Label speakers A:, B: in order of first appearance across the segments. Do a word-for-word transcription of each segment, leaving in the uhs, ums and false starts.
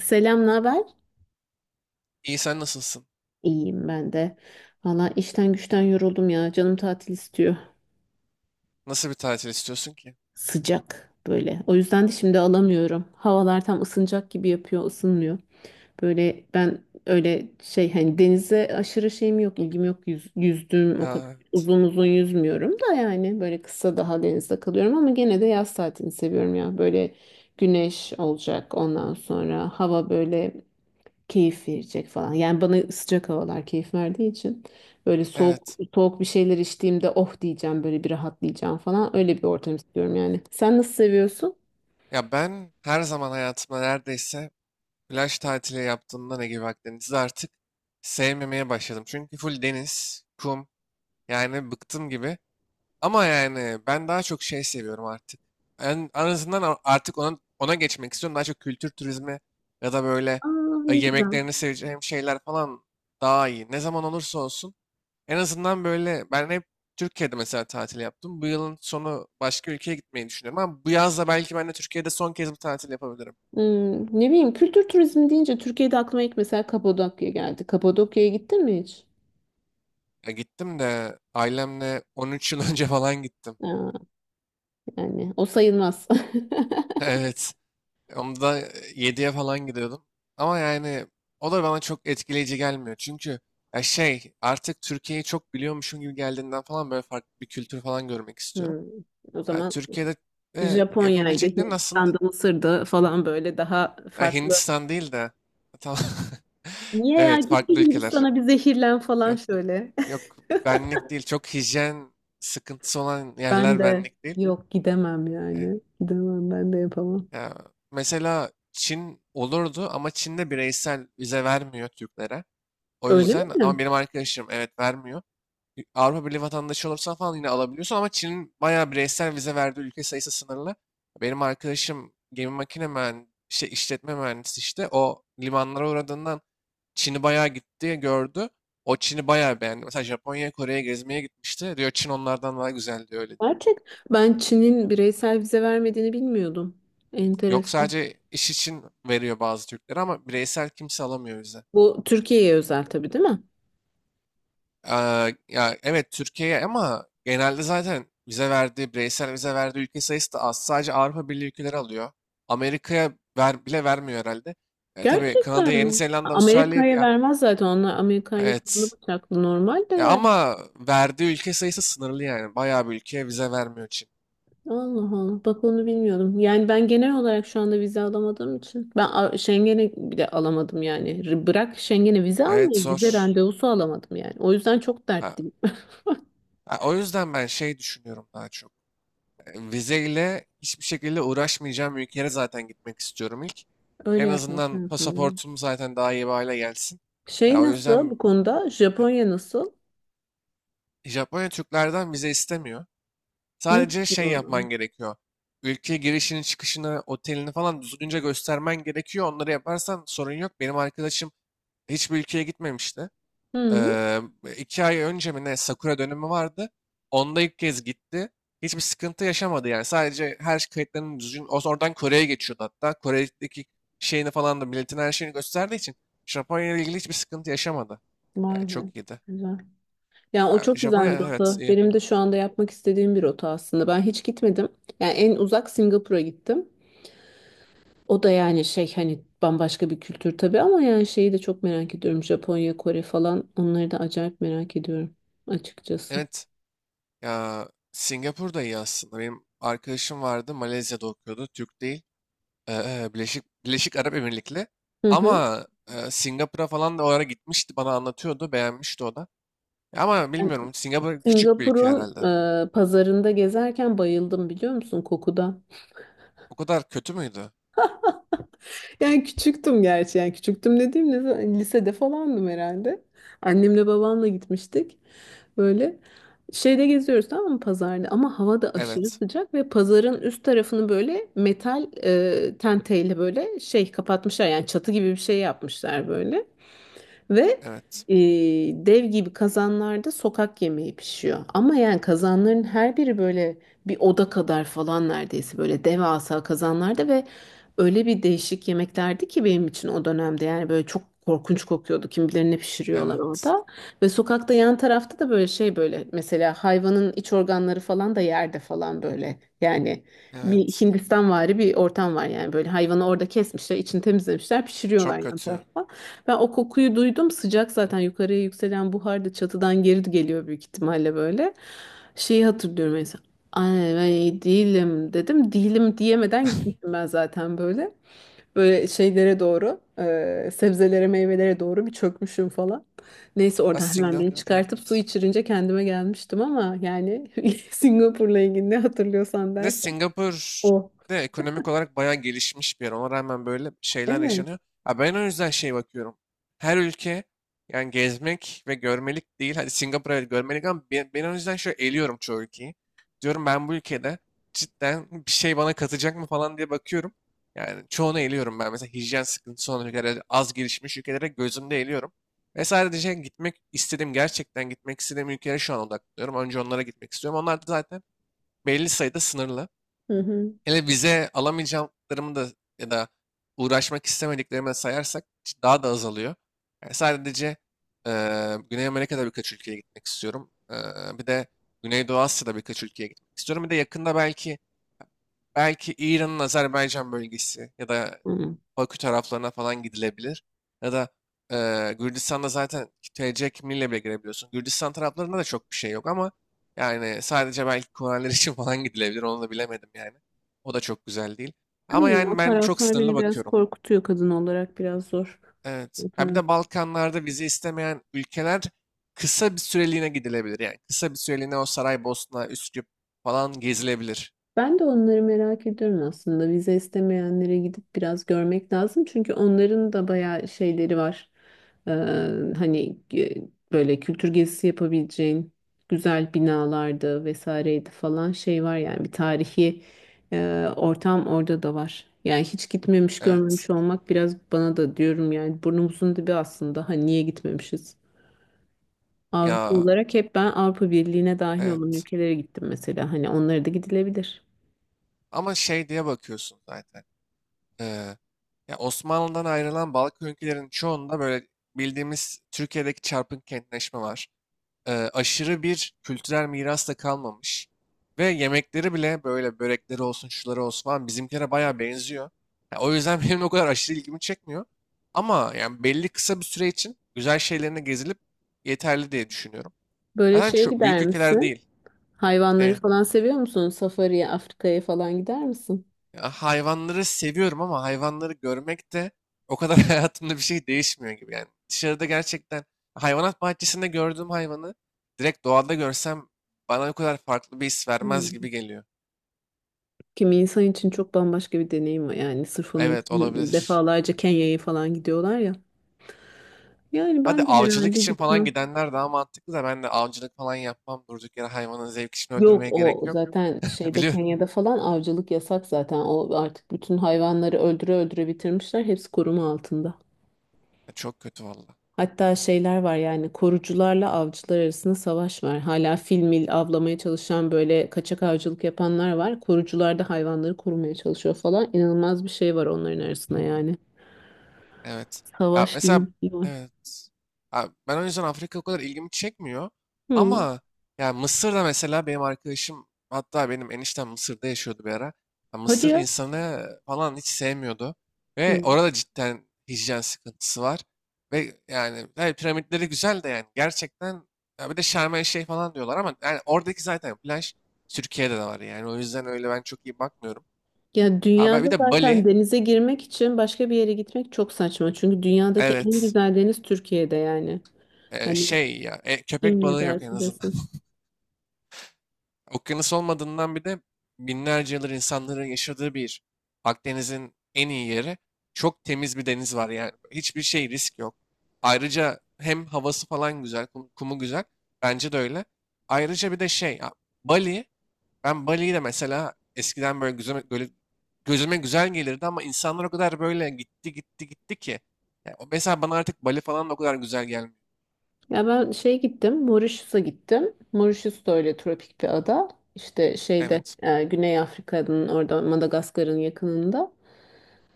A: Selam, ne haber?
B: İyi, sen nasılsın?
A: İyiyim ben de. Valla işten güçten yoruldum ya. Canım tatil istiyor.
B: Nasıl bir tatil istiyorsun ki?
A: Sıcak böyle. O yüzden de şimdi alamıyorum. Havalar tam ısınacak gibi yapıyor, ısınmıyor. Böyle ben öyle şey hani denize aşırı şeyim yok, ilgim yok. Yüz, yüzdüğüm o kadar
B: Ya,
A: uzun uzun yüzmüyorum da yani böyle kısa daha denizde kalıyorum ama gene de yaz tatilini seviyorum ya. Böyle güneş olacak, ondan sonra hava böyle keyif verecek falan. Yani bana sıcak havalar keyif verdiği için böyle soğuk
B: evet.
A: soğuk bir şeyler içtiğimde oh diyeceğim, böyle bir rahatlayacağım falan, öyle bir ortam istiyorum yani. Sen nasıl seviyorsun?
B: Ya ben her zaman hayatımda neredeyse plaj tatili yaptığımda ne gibi Akdeniz'i artık sevmemeye başladım. Çünkü full deniz, kum, yani bıktım gibi. Ama yani ben daha çok şey seviyorum artık. En, en azından a- artık ona, ona geçmek istiyorum. Daha çok kültür turizmi ya da böyle
A: Aa,
B: e,
A: ne güzel.
B: yemeklerini seveceğim şeyler falan daha iyi. Ne zaman olursa olsun. En azından böyle ben hep Türkiye'de mesela tatil yaptım. Bu yılın sonu başka ülkeye gitmeyi düşünüyorum ama bu yaz da belki ben de Türkiye'de son kez bir tatil yapabilirim.
A: Hmm, ne bileyim, kültür turizmi deyince Türkiye'de aklıma ilk mesela Kapadokya geldi. Kapadokya'ya gittin mi hiç?
B: Ya gittim de ailemle on üç yıl önce falan gittim.
A: Aa, yani o sayılmaz.
B: Evet. Onda yediye falan gidiyordum. Ama yani o da bana çok etkileyici gelmiyor. Çünkü ya şey, artık Türkiye'yi çok biliyormuşum gibi geldiğinden falan böyle farklı bir kültür falan görmek istiyorum.
A: Hmm, o
B: Ya
A: zaman
B: Türkiye'de e,
A: Japonya'ydı,
B: yapabileceklerin aslında.
A: Hindistan'da, Mısır'da falan, böyle daha
B: Ha,
A: farklı.
B: Hindistan değil de. Ha, tamam.
A: Niye ya,
B: Evet,
A: git bir
B: farklı ülkeler.
A: Hindistan'a bir zehirlen falan
B: Yok,
A: şöyle.
B: yok, benlik değil. Çok hijyen sıkıntısı olan
A: Ben
B: yerler
A: de
B: benlik değil.
A: yok, gidemem
B: E,
A: yani. Gidemem, ben de yapamam.
B: Ya, mesela Çin olurdu ama Çin'de bireysel vize vermiyor Türklere. O
A: Öyle
B: yüzden. Ama
A: mi?
B: benim arkadaşım, evet, vermiyor. Avrupa Birliği vatandaşı olursan falan yine alabiliyorsun ama Çin'in bayağı bireysel vize verdiği ülke sayısı sınırlı. Benim arkadaşım gemi makine mühendisi, şey, işletme mühendisi, işte o limanlara uğradığından Çin'i bayağı gitti gördü. O Çin'i bayağı beğendi. Mesela Japonya'ya, Kore'ye gezmeye gitmişti. Diyor Çin onlardan daha güzel, diyor, öyle değil.
A: Gerçek. Ben Çin'in bireysel vize vermediğini bilmiyordum.
B: Yok,
A: Enteresan.
B: sadece iş için veriyor bazı Türkleri, ama bireysel kimse alamıyor vize.
A: Bu Türkiye'ye özel tabii, değil mi?
B: Eee, ya evet, Türkiye'ye, ama genelde zaten vize verdiği, bireysel vize verdiği ülke sayısı da az. Sadece Avrupa Birliği ülkeleri alıyor. Amerika'ya ver, bile vermiyor herhalde. E, tabii Kanada,
A: Gerçekten
B: Yeni
A: mi?
B: Zelanda, Avustralya
A: Amerika'ya
B: ya,
A: vermez zaten, onlar Amerika ile kanlı
B: evet.
A: bıçaklı normal de
B: Ya
A: yani.
B: ama verdiği ülke sayısı sınırlı yani. Bayağı bir ülkeye vize vermiyor için.
A: Allah Allah, bak onu bilmiyordum. Yani ben genel olarak şu anda vize alamadığım için ben A- Schengen'e bile alamadım yani. R- Bırak Schengen'e vize
B: Evet,
A: almayı, vize
B: zor.
A: randevusu alamadım yani. O yüzden çok
B: Ha,
A: dertliyim.
B: ha, o yüzden ben şey düşünüyorum daha çok. Vizeyle hiçbir şekilde uğraşmayacağım ülkelere zaten gitmek istiyorum ilk.
A: Öyle
B: En
A: yapmak
B: azından
A: lazım ya.
B: pasaportum zaten daha iyi bir hale gelsin.
A: Şey
B: Ya o
A: nasıl
B: yüzden
A: bu konuda? Japonya nasıl?
B: Japonya Türklerden vize istemiyor.
A: Mis
B: Sadece
A: gibi
B: şey yapman
A: oradan.
B: gerekiyor. Ülkeye girişini, çıkışını, otelini falan düzgünce göstermen gerekiyor. Onları yaparsan sorun yok. Benim arkadaşım hiçbir ülkeye gitmemişti.
A: Hı,
B: Eee, iki ay önce mi ne, Sakura dönemi vardı. Onda ilk kez gitti. Hiçbir sıkıntı yaşamadı yani. Sadece her şey, kayıtlarını düzgün. o- Oradan Kore'ye geçiyordu hatta. Kore'deki şeyini falan da milletin, her şeyini gösterdiği için Japonya ile ilgili hiçbir sıkıntı yaşamadı.
A: vay
B: Yani
A: be.
B: çok iyiydi.
A: Güzel. Yani o
B: Ya,
A: çok güzel
B: Japonya,
A: bir
B: evet,
A: rota.
B: iyi.
A: Benim de şu anda yapmak istediğim bir rota aslında. Ben hiç gitmedim. Yani en uzak Singapur'a gittim. O da yani şey hani bambaşka bir kültür tabii ama yani şeyi de çok merak ediyorum. Japonya, Kore falan, onları da acayip merak ediyorum açıkçası.
B: Evet, ya Singapur da iyi aslında. Benim arkadaşım vardı, Malezya'da okuyordu. Türk değil. Eee, Birleşik, Birleşik Arap Emirlikli.
A: Hı hı.
B: Ama eee, Singapur'a falan da o ara gitmişti. Bana anlatıyordu. Beğenmişti o da. Ama
A: Yani
B: bilmiyorum, Singapur küçük bir ülke
A: Singapur'un
B: herhalde.
A: e, pazarında gezerken bayıldım, biliyor musun, kokuda?
B: O kadar kötü müydü?
A: Yani küçüktüm gerçi. Yani küçüktüm dediğim ne zaman- lisede falandım herhalde. Annemle babamla gitmiştik. Böyle şeyde geziyoruz tamam mı, pazarda, ama hava da aşırı
B: Evet.
A: sıcak ve pazarın üst tarafını böyle metal e, tenteyle böyle şey kapatmışlar, yani çatı gibi bir şey yapmışlar böyle. Ve
B: Evet.
A: e, dev gibi kazanlarda sokak yemeği pişiyor. Ama yani kazanların her biri böyle bir oda kadar falan neredeyse, böyle devasa kazanlarda ve öyle bir değişik yemeklerdi ki benim için o dönemde, yani böyle çok korkunç kokuyordu. Kim bilir ne pişiriyorlar
B: Evet.
A: orada. Ve sokakta yan tarafta da böyle şey, böyle mesela hayvanın iç organları falan da yerde falan böyle. Yani bir
B: Evet.
A: Hindistanvari bir ortam var, yani böyle hayvanı orada kesmişler, içini temizlemişler, pişiriyorlar
B: Çok
A: yan
B: kötü.
A: tarafta. Ben o kokuyu duydum. Sıcak zaten, yukarıya yükselen buhar da çatıdan geri geliyor büyük ihtimalle böyle. Şeyi hatırlıyorum mesela. Ay ben iyi değilim dedim. Değilim diyemeden gitmişim ben zaten böyle. Böyle şeylere doğru, e, sebzelere, meyvelere doğru bir çökmüşüm falan. Neyse
B: Ha,
A: oradan hemen beni
B: Singapur,
A: çıkartıp
B: evet.
A: su içirince kendime gelmiştim ama yani Singapur'la ilgili ne hatırlıyorsan
B: Bir de
A: dersen
B: Singapur
A: o.
B: de ekonomik olarak bayağı gelişmiş bir yer. Ona rağmen böyle şeyler
A: Evet.
B: yaşanıyor. Ha, ben o yüzden şey bakıyorum. Her ülke yani gezmek ve görmelik değil. Hadi Singapur, evet, görmelik, ama ben, ben o yüzden şöyle eliyorum çoğu ülkeyi. Diyorum ben bu ülkede cidden bir şey bana katacak mı falan diye bakıyorum. Yani çoğunu eliyorum ben. Mesela hijyen sıkıntısı olan ülkelere, az gelişmiş ülkelere gözümde eliyorum. Ve sadece gitmek istediğim, gerçekten gitmek istediğim ülkelere şu an odaklanıyorum. Önce onlara gitmek istiyorum. Onlar da zaten belli sayıda sınırlı.
A: Hı
B: Hele vize alamayacaklarımı da, ya da uğraşmak istemediklerimi de sayarsak c- daha da azalıyor. Yani sadece eee, Güney Amerika'da birkaç ülkeye gitmek istiyorum. Eee, bir de Güneydoğu Asya'da birkaç ülkeye gitmek istiyorum. Bir de yakında belki belki İran'ın Azerbaycan bölgesi ya da
A: hı.
B: Bakü taraflarına falan gidilebilir. Ya da eee Gürcistan'da zaten T C kimliğiyle bile girebiliyorsun. Gürcistan taraflarında da çok bir şey yok ama yani sadece belki kurallar için falan gidilebilir. Onu da bilemedim yani. O da çok güzel değil. Ama
A: Bilmiyorum, o
B: yani ben çok
A: taraflar
B: sınırlı
A: beni biraz
B: bakıyorum.
A: korkutuyor, kadın olarak biraz zor.
B: Evet.
A: O
B: Ha, bir
A: taraf.
B: de Balkanlarda vize istemeyen ülkeler kısa bir süreliğine gidilebilir. Yani kısa bir süreliğine o Saraybosna, Üsküp falan gezilebilir.
A: Ben de onları merak ediyorum aslında. Vize istemeyenlere gidip biraz görmek lazım. Çünkü onların da bayağı şeyleri var. Ee, hani e, böyle kültür gezisi yapabileceğin güzel binalardı, vesaireydi falan, şey var yani, bir tarihi e, ortam orada da var. Yani hiç gitmemiş
B: Evet.
A: görmemiş olmak, biraz bana da diyorum yani, burnumuzun dibi aslında. Hani niye gitmemişiz? Avrupa
B: Ya,
A: olarak hep ben Avrupa Birliği'ne dahil olan
B: evet.
A: ülkelere gittim mesela. Hani onlara da gidilebilir.
B: Ama şey diye bakıyorsun zaten. Ee, ya Osmanlı'dan ayrılan Balkan ülkelerinin çoğunda böyle bildiğimiz Türkiye'deki çarpık kentleşme var. Ee, aşırı bir kültürel miras da kalmamış. Ve yemekleri bile, böyle börekleri olsun, şuları olsun falan, bizimkilere bayağı benziyor. Ya o yüzden benim o kadar aşırı ilgimi çekmiyor. Ama yani belli kısa bir süre için güzel şeylerine gezilip yeterli diye düşünüyorum.
A: Böyle
B: Zaten
A: şeye
B: çok büyük
A: gider
B: ülkeler
A: misin?
B: değil.
A: Hayvanları falan seviyor musun? Safari'ye, Afrika'ya falan gider misin?
B: Ya hayvanları seviyorum ama hayvanları görmek de o kadar hayatımda bir şey değişmiyor gibi yani. Dışarıda gerçekten hayvanat bahçesinde gördüğüm hayvanı direkt doğada görsem bana o kadar farklı bir his vermez
A: Hmm.
B: gibi geliyor.
A: Kimi insan için çok bambaşka bir deneyim var. Yani sırf onun
B: Evet,
A: için
B: olabilir.
A: defalarca Kenya'ya falan gidiyorlar ya. Yani
B: Hadi
A: ben de
B: avcılık
A: herhalde
B: için falan
A: gitmem.
B: gidenler daha mantıklı, da ben de avcılık falan yapmam. Durduk yere hayvanın zevk için
A: Yok,
B: öldürmeye gerek
A: o
B: yok.
A: zaten şeyde
B: Biliyorum.
A: Kenya'da falan avcılık yasak zaten. O artık bütün hayvanları öldüre öldüre bitirmişler. Hepsi koruma altında.
B: Çok kötü valla.
A: Hatta şeyler var yani, korucularla avcılar arasında savaş var. Hala fil mil avlamaya çalışan, böyle kaçak avcılık yapanlar var. Korucular da hayvanları korumaya çalışıyor falan. İnanılmaz bir şey var onların arasında yani.
B: Evet. Ya,
A: Savaş gibi
B: mesela,
A: bir şey var.
B: evet. Ha, ben o yüzden Afrika o kadar ilgimi çekmiyor.
A: Hı.
B: Ama ya Mısır'da mesela, benim arkadaşım, hatta benim eniştem Mısır'da yaşıyordu bir ara. Ya
A: Hadi
B: Mısır
A: ya.
B: insanı falan hiç sevmiyordu. Ve
A: Hı.
B: orada cidden hijyen sıkıntısı var. Ve yani tabii piramitleri güzel de, yani gerçekten ya bir de Şarm El Şeyh falan diyorlar ama yani oradaki zaten plaj Türkiye'de de var yani. O yüzden öyle ben çok iyi bakmıyorum.
A: Ya
B: Abi, bir
A: dünyada
B: de
A: zaten
B: Bali.
A: denize girmek için başka bir yere gitmek çok saçma. Çünkü dünyadaki en
B: Evet.
A: güzel deniz Türkiye'de yani.
B: Ee,
A: Hani
B: şey ya, e,
A: kim
B: köpek
A: ne
B: balığı yok en
A: derse
B: azından.
A: desin.
B: Okyanus olmadığından, bir de binlerce yıldır insanların yaşadığı bir Akdeniz'in en iyi yeri. Çok temiz bir deniz var yani. Hiçbir şey, risk yok. Ayrıca hem havası falan güzel, kum- kumu güzel. Bence de öyle. Ayrıca bir de şey ya, Bali. Ben Bali'yi de mesela eskiden böyle gözüme, böyle gözüme güzel gelirdi ama insanlar o kadar böyle gitti gitti gitti ki. Ya, o- mesela bana artık Bali falan da o kadar güzel gelmiyor.
A: Ya ben şey gittim, Mauritius'a gittim. Mauritius da öyle tropik bir ada. İşte şeyde
B: Evet.
A: e, Güney Afrika'nın orada, Madagaskar'ın yakınında.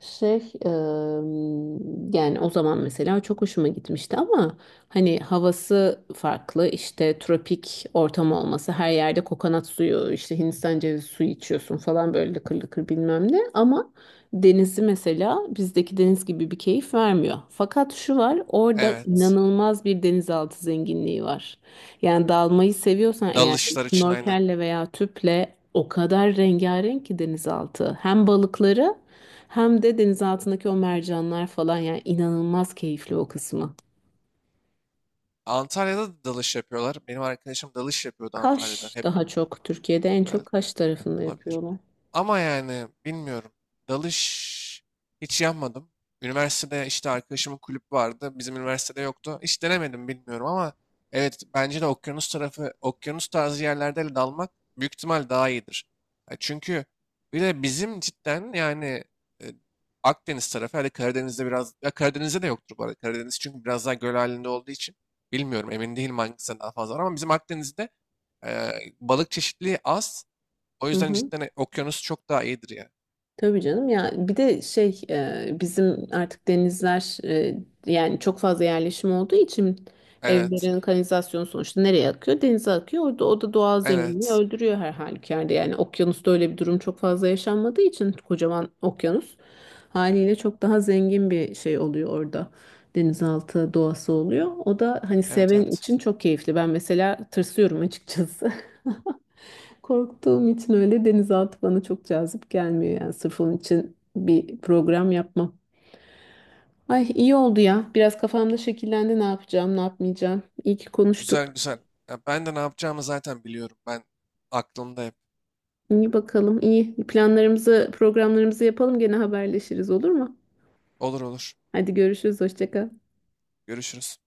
A: Şey, eee, yani o zaman mesela çok hoşuma gitmişti ama hani havası farklı, işte tropik ortam olması, her yerde kokonat suyu, işte Hindistan cevizi suyu içiyorsun falan, böyle lıkır lıkır bilmem ne, ama denizi mesela bizdeki deniz gibi bir keyif vermiyor. Fakat şu var, orada
B: Evet.
A: inanılmaz bir denizaltı zenginliği var. Yani dalmayı seviyorsan eğer,
B: Dalışlar için, aynen.
A: snorkelle veya tüple o kadar rengarenk ki denizaltı. Hem balıkları hem de denizaltındaki o mercanlar falan, yani inanılmaz keyifli o kısmı.
B: Antalya'da da dalış yapıyorlar. Benim arkadaşım dalış yapıyordu Antalya'da.
A: Kaş,
B: Hep
A: daha çok Türkiye'de en çok
B: herhalde,
A: Kaş tarafında
B: olabilir.
A: yapıyorlar.
B: Ama yani bilmiyorum. Dalış hiç yapmadım. Üniversitede işte arkadaşımın kulüp vardı. Bizim üniversitede yoktu. Hiç denemedim, bilmiyorum, ama evet bence de okyanus tarafı, okyanus tarzı yerlerde dalmak büyük ihtimal daha iyidir. Ya çünkü bir de bizim cidden yani e, Akdeniz tarafı, hadi Karadeniz'de biraz, ya Karadeniz'de de yoktur bu arada. Karadeniz çünkü biraz daha göl halinde olduğu için bilmiyorum, emin değilim hangisi daha fazla var ama bizim Akdeniz'de e, balık çeşitliliği az. O
A: Hı
B: yüzden
A: hı.
B: cidden e- okyanus çok daha iyidir ya.
A: Tabii canım ya, bir de şey, e, bizim artık denizler, e, yani çok fazla yerleşim olduğu için
B: Evet.
A: evlerin kanalizasyonu sonuçta nereye akıyor? Denize akıyor. Orada o da doğal zenginliği
B: Evet.
A: öldürüyor her halükarda. Yani okyanusta öyle bir durum çok fazla yaşanmadığı için, kocaman okyanus haliyle çok daha zengin bir şey oluyor orada. Denizaltı doğası oluyor. O da hani
B: Evet,
A: seven
B: evet.
A: için çok keyifli. Ben mesela tırsıyorum açıkçası. Korktuğum için öyle denizaltı bana çok cazip gelmiyor, yani sırf onun için bir program yapmam. Ay iyi oldu ya. Biraz kafamda şekillendi, ne yapacağım, ne yapmayacağım. İyi ki
B: Güzel
A: konuştuk.
B: güzel. Ya ben de ne yapacağımı zaten biliyorum. Ben, aklımda hep.
A: İyi bakalım, iyi. Planlarımızı, programlarımızı yapalım, gene haberleşiriz, olur mu?
B: Olur, olur.
A: Hadi görüşürüz, hoşça kal.
B: Görüşürüz.